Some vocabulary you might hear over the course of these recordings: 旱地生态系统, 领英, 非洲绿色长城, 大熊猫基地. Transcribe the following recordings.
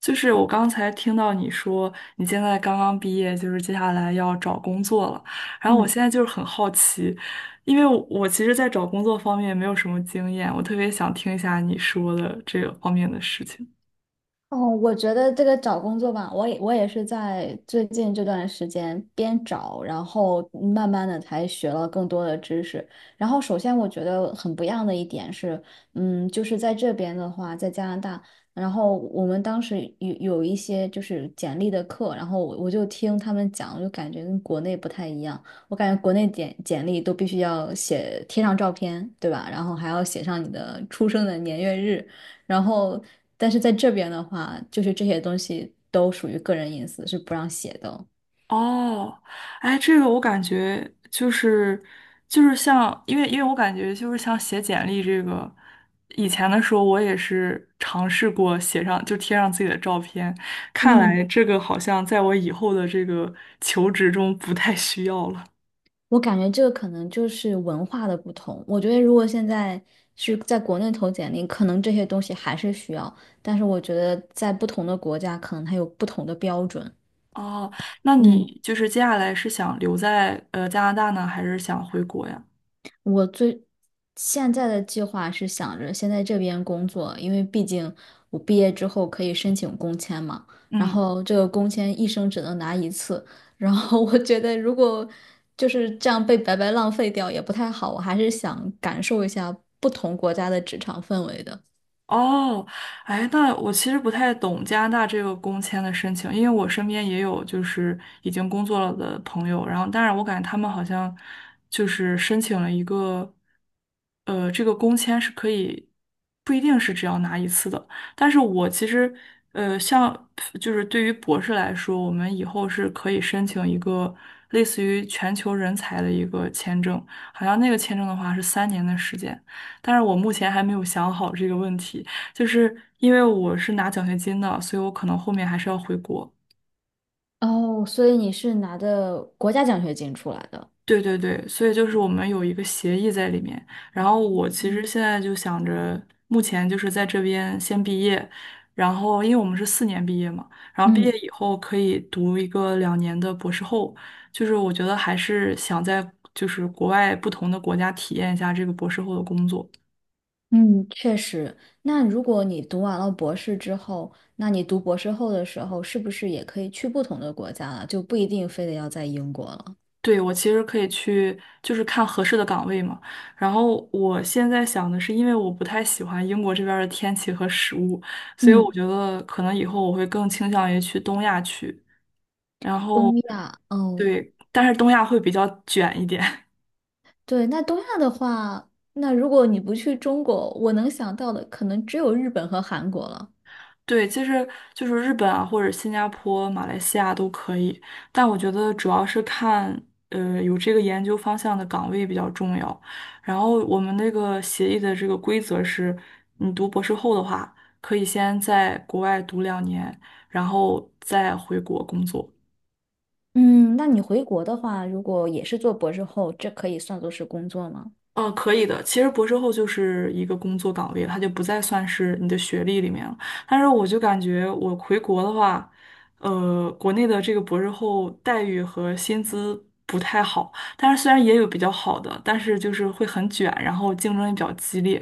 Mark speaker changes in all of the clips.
Speaker 1: 就是我刚才听到你说你现在刚刚毕业，就是接下来要找工作了。然后我
Speaker 2: 嗯，
Speaker 1: 现在就是很好奇，因为我其实，在找工作方面没有什么经验，我特别想听一下你说的这个方面的事情。
Speaker 2: 哦，我觉得这个找工作吧，我也是在最近这段时间边找，然后慢慢的才学了更多的知识。然后首先我觉得很不一样的一点是，就是在这边的话，在加拿大，然后我们当时有一些就是简历的课，然后我就听他们讲，我就感觉跟国内不太一样。我感觉国内简历都必须要写贴上照片，对吧？然后还要写上你的出生的年月日。然后，但是在这边的话，就是这些东西都属于个人隐私，是不让写的哦。
Speaker 1: 哦，哎，这个我感觉就是像，因为我感觉就是像写简历这个，以前的时候我也是尝试过写上就贴上自己的照片，看来
Speaker 2: 嗯，
Speaker 1: 这个好像在我以后的这个求职中不太需要了。
Speaker 2: 我感觉这个可能就是文化的不同。我觉得如果现在是在国内投简历，可能这些东西还是需要，但是我觉得在不同的国家，可能它有不同的标准。
Speaker 1: 哦，那
Speaker 2: 嗯。
Speaker 1: 你就是接下来是想留在加拿大呢，还是想回国呀？
Speaker 2: 我最现在的计划是想着先在这边工作，因为毕竟我毕业之后可以申请工签嘛。然
Speaker 1: 嗯。
Speaker 2: 后这个工签一生只能拿一次，然后我觉得如果就是这样被白白浪费掉也不太好，我还是想感受一下不同国家的职场氛围的。
Speaker 1: 哦，哎，那我其实不太懂加拿大这个工签的申请，因为我身边也有就是已经工作了的朋友，然后当然我感觉他们好像就是申请了一个，这个工签是可以不一定是只要拿一次的，但是我其实像就是对于博士来说，我们以后是可以申请一个类似于全球人才的一个签证，好像那个签证的话是3年的时间。但是我目前还没有想好这个问题，就是因为我是拿奖学金的，所以我可能后面还是要回国。
Speaker 2: 哦，所以你是拿的国家奖学金出来的。
Speaker 1: 对对对，所以就是我们有一个协议在里面。然后我其实
Speaker 2: 嗯。
Speaker 1: 现在就想着，目前就是在这边先毕业，然后因为我们是4年毕业嘛，然后毕业
Speaker 2: 嗯。
Speaker 1: 以后可以读一个两年的博士后，就是我觉得还是想在就是国外不同的国家体验一下这个博士后的工作。
Speaker 2: 嗯，确实。那如果你读完了博士之后，那你读博士后的时候，是不是也可以去不同的国家了？就不一定非得要在英国了。
Speaker 1: 对，我其实可以去，就是看合适的岗位嘛。然后我现在想的是，因为我不太喜欢英国这边儿的天气和食物，所以我
Speaker 2: 嗯。
Speaker 1: 觉得可能以后我会更倾向于去东亚去。然后，
Speaker 2: 东亚，哦，
Speaker 1: 对，但是东亚会比较卷一点。
Speaker 2: 对，那东亚的话，那如果你不去中国，我能想到的可能只有日本和韩国了。
Speaker 1: 对，其实就是日本啊，或者新加坡、马来西亚都可以，但我觉得主要是看，有这个研究方向的岗位比较重要。然后我们那个协议的这个规则是，你读博士后的话，可以先在国外读两年，然后再回国工作。
Speaker 2: 嗯，那你回国的话，如果也是做博士后，这可以算作是工作吗？
Speaker 1: 可以的。其实博士后就是一个工作岗位，它就不再算是你的学历里面了。但是我就感觉我回国的话，国内的这个博士后待遇和薪资不太好，但是虽然也有比较好的，但是就是会很卷，然后竞争也比较激烈。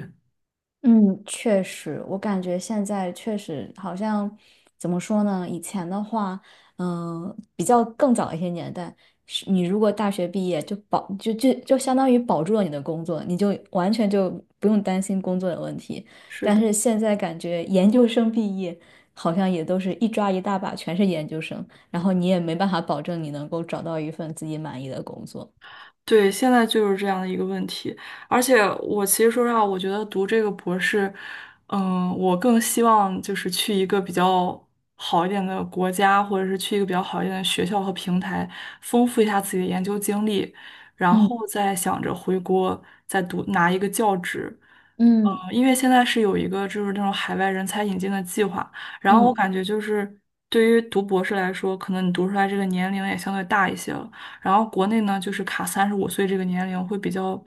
Speaker 2: 嗯，确实，我感觉现在确实好像怎么说呢？以前的话，比较更早一些年代，是你如果大学毕业就相当于保住了你的工作，你就完全就不用担心工作的问题。
Speaker 1: 是
Speaker 2: 但
Speaker 1: 的。
Speaker 2: 是现在感觉研究生毕业好像也都是一抓一大把，全是研究生，然后你也没办法保证你能够找到一份自己满意的工作。
Speaker 1: 对，现在就是这样的一个问题，而且我其实说实话，我觉得读这个博士，嗯，我更希望就是去一个比较好一点的国家，或者是去一个比较好一点的学校和平台，丰富一下自己的研究经历，然后
Speaker 2: 嗯
Speaker 1: 再想着回国再读拿一个教职。嗯，
Speaker 2: 嗯
Speaker 1: 因为现在是有一个就是那种海外人才引进的计划，然后我
Speaker 2: 嗯。
Speaker 1: 感觉就是对于读博士来说，可能你读出来这个年龄也相对大一些了。然后国内呢，就是卡35岁这个年龄会比较，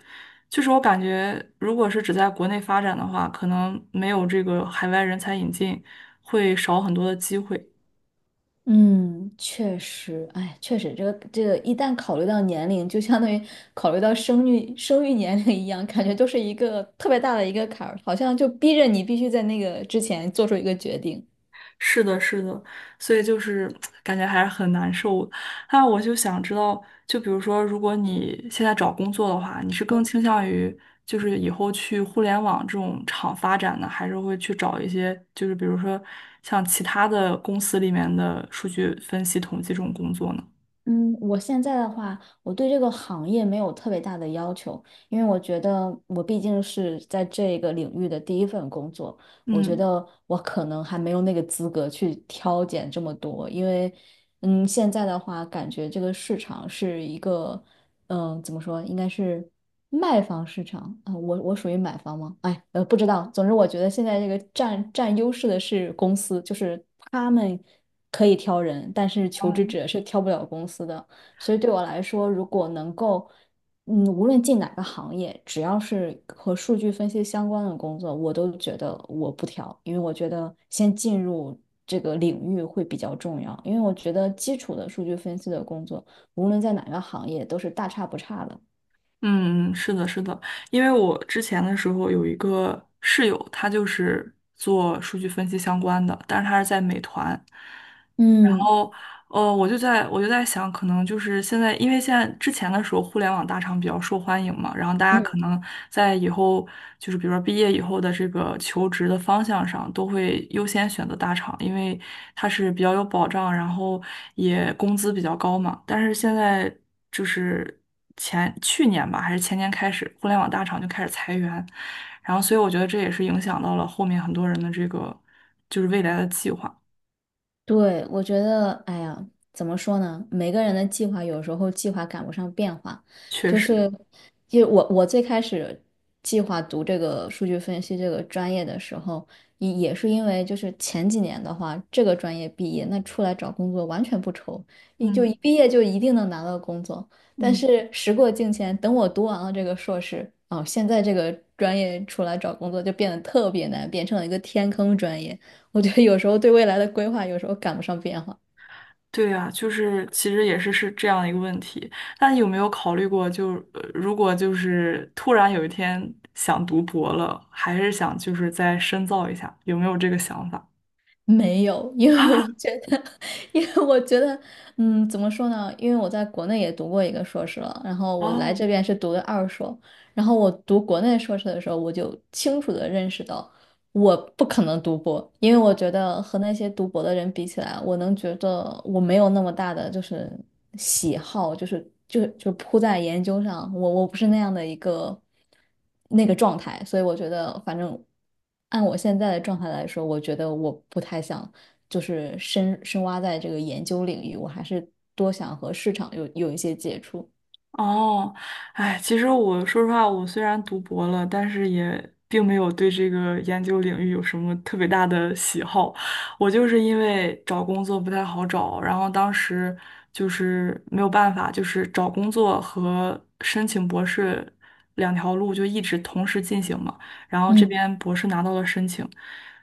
Speaker 1: 就是我感觉，如果是只在国内发展的话，可能没有这个海外人才引进，会少很多的机会。
Speaker 2: 嗯，确实，哎，确实，这个一旦考虑到年龄，就相当于考虑到生育年龄一样，感觉都是一个特别大的一个坎儿，好像就逼着你必须在那个之前做出一个决定。
Speaker 1: 是的，是的，所以就是感觉还是很难受的。那我就想知道，就比如说，如果你现在找工作的话，你是更倾向于就是以后去互联网这种厂发展呢，还是会去找一些就是比如说像其他的公司里面的数据分析统计这种工作呢？
Speaker 2: 嗯，我现在的话，我对这个行业没有特别大的要求，因为我觉得我毕竟是在这个领域的第一份工作，我觉
Speaker 1: 嗯
Speaker 2: 得我可能还没有那个资格去挑拣这么多，因为，嗯，现在的话，感觉这个市场是一个。怎么说，应该是卖方市场啊、我属于买方吗？哎，不知道。总之，我觉得现在这个占优势的是公司，就是他们可以挑人，但是求职
Speaker 1: 嗯
Speaker 2: 者是挑不了公司的。所以对我来说，如果能够，嗯，无论进哪个行业，只要是和数据分析相关的工作，我都觉得我不挑，因为我觉得先进入这个领域会比较重要，因为我觉得基础的数据分析的工作。无论在哪个行业都是大差不差的。
Speaker 1: 嗯，是的，是的，因为我之前的时候有一个室友，他就是做数据分析相关的，但是他是在美团，然
Speaker 2: 嗯
Speaker 1: 后哦，我就在想，可能就是现在，因为现在之前的时候，互联网大厂比较受欢迎嘛，然后大家可
Speaker 2: 嗯
Speaker 1: 能在以后就是比如说毕业以后的这个求职的方向上，都会优先选择大厂，因为它是比较有保障，然后也工资比较高嘛。但是现在就是前去年吧，还是前年开始，互联网大厂就开始裁员，然后所以我觉得这也是影响到了后面很多人的这个就是未来的计划，
Speaker 2: 对，我觉得，哎呀，怎么说呢？每个人的计划有时候计划赶不上变化，
Speaker 1: 确
Speaker 2: 就
Speaker 1: 实，
Speaker 2: 是，就我最开始计划读这个数据分析这个专业的时候，也是因为就是前几年的话，这个专业毕业，那出来找工作完全不愁，你就一
Speaker 1: 嗯
Speaker 2: 毕业就一定能拿到工作。但
Speaker 1: 嗯。
Speaker 2: 是时过境迁，等我读完了这个硕士，哦，现在这个专业出来找工作就变得特别难，变成了一个天坑专业。我觉得有时候对未来的规划，有时候赶不上变化。
Speaker 1: 对啊，就是其实也是是这样一个问题。那你有没有考虑过就，如果就是突然有一天想读博了，还是想就是再深造一下，有没有这个想法？
Speaker 2: 没有，因为我觉得，因为我觉得，嗯，怎么说呢？因为我在国内也读过一个硕士了，然后我来
Speaker 1: 哦，
Speaker 2: 这边是读的二硕，然后我读国内硕士的时候，我就清楚的认识到。我不可能读博，因为我觉得和那些读博的人比起来，我能觉得我没有那么大的就是喜好，就是扑在研究上，我不是那样的一个那个状态，所以我觉得反正按我现在的状态来说，我觉得我不太想就是深深挖在这个研究领域，我还是多想和市场有一些接触。
Speaker 1: 哦，哎，其实我说实话，我虽然读博了，但是也并没有对这个研究领域有什么特别大的喜好。我就是因为找工作不太好找，然后当时就是没有办法，就是找工作和申请博士两条路就一直同时进行嘛。然后这
Speaker 2: 嗯
Speaker 1: 边博士拿到了申请，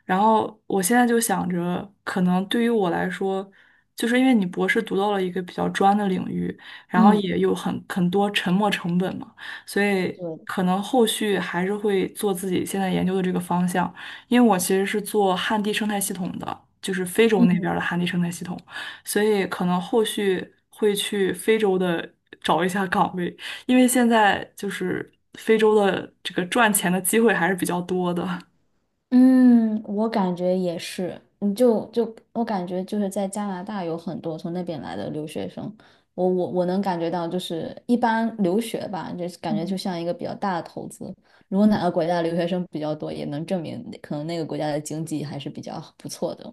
Speaker 1: 然后我现在就想着，可能对于我来说。就是因为你博士读到了一个比较专的领域，然后
Speaker 2: 嗯
Speaker 1: 也有很多沉没成本嘛，所以
Speaker 2: 对。嗯。
Speaker 1: 可能后续还是会做自己现在研究的这个方向，因为我其实是做旱地生态系统的，就是非洲那边儿的旱地生态系统，所以可能后续会去非洲的找一下岗位，因为现在就是非洲的这个赚钱的机会还是比较多的。
Speaker 2: 嗯，我感觉也是，嗯，就我感觉就是在加拿大有很多从那边来的留学生，我能感觉到，就是一般留学吧，就是感觉就像一个比较大的投资。如果哪个国家的留学生比较多，也能证明可能那个国家的经济还是比较不错的。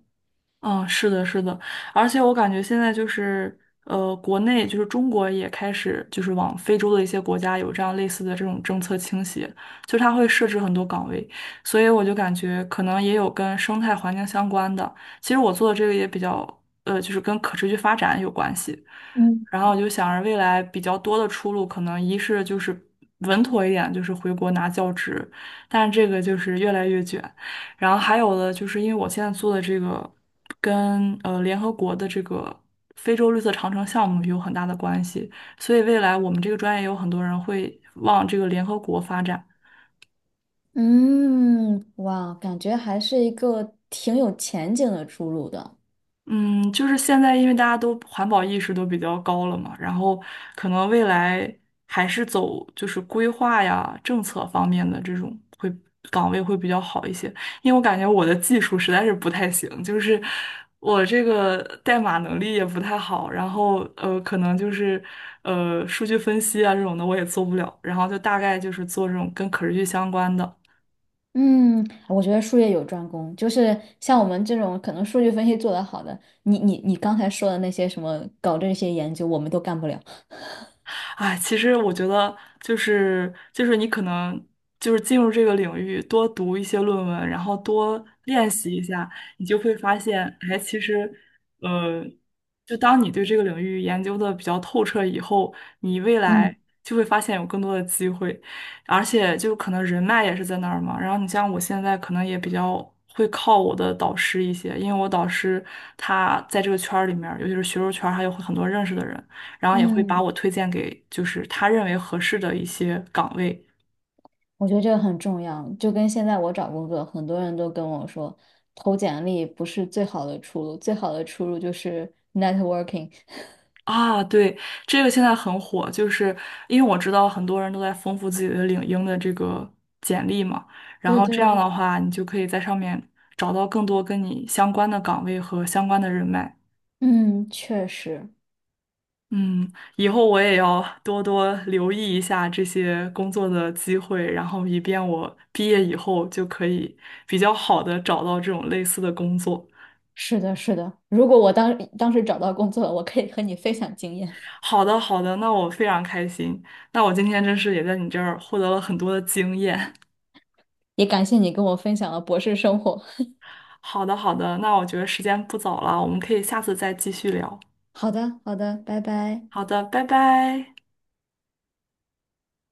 Speaker 1: 嗯，是的，是的，而且我感觉现在就是，国内就是中国也开始就是往非洲的一些国家有这样类似的这种政策倾斜，就它会设置很多岗位，所以我就感觉可能也有跟生态环境相关的。其实我做的这个也比较，就是跟可持续发展有关系。
Speaker 2: 嗯。
Speaker 1: 然后我就想着未来比较多的出路，可能一是就是稳妥一点，就是回国拿教职，但是这个就是越来越卷。然后还有的就是因为我现在做的这个跟联合国的这个非洲绿色长城项目有很大的关系，所以未来我们这个专业有很多人会往这个联合国发展。
Speaker 2: 嗯，哇，感觉还是一个挺有前景的出路的。
Speaker 1: 嗯，就是现在，因为大家都环保意识都比较高了嘛，然后可能未来还是走就是规划呀、政策方面的这种会岗位会比较好一些，因为我感觉我的技术实在是不太行，就是我这个代码能力也不太好，然后可能就是数据分析啊这种的我也做不了，然后就大概就是做这种跟可持续相关的。
Speaker 2: 嗯，我觉得术业有专攻，就是像我们这种可能数据分析做得好的，你刚才说的那些什么搞这些研究，我们都干不了。
Speaker 1: 哎，其实我觉得就是你可能就是进入这个领域，多读一些论文，然后多练习一下，你就会发现，哎，其实，呃，就当你对这个领域研究的比较透彻以后，你未
Speaker 2: 嗯
Speaker 1: 来就会发现有更多的机会，而且就可能人脉也是在那儿嘛。然后你像我现在可能也比较。会靠我的导师一些，因为我导师他在这个圈儿里面儿尤其是学术圈儿还有很多认识的人。然后也会把
Speaker 2: 嗯，
Speaker 1: 我推荐给就是他认为合适的一些岗位。
Speaker 2: 我觉得这个很重要，就跟现在我找工作，很多人都跟我说，投简历不是最好的出路，最好的出路就是 networking。
Speaker 1: 啊，对，这个现在很火，就是因为我知道很多人都在丰富自己的领英的这个简历嘛，然
Speaker 2: 对
Speaker 1: 后这样
Speaker 2: 对，
Speaker 1: 的话，你就可以在上面找到更多跟你相关的岗位和相关的人脉。
Speaker 2: 嗯，确实
Speaker 1: 嗯，以后我也要多多留意一下这些工作的机会，然后以便我毕业以后就可以比较好的找到这种类似的工作。
Speaker 2: 是的，是的。如果我当时找到工作了，我可以和你分享经验，
Speaker 1: 好的，好的，那我非常开心。那我今天真是也在你这儿获得了很多的经验。
Speaker 2: 也感谢你跟我分享了博士生活。
Speaker 1: 好的，好的，那我觉得时间不早了，我们可以下次再继续聊。
Speaker 2: 好的，好的，拜拜。
Speaker 1: 好的，拜拜。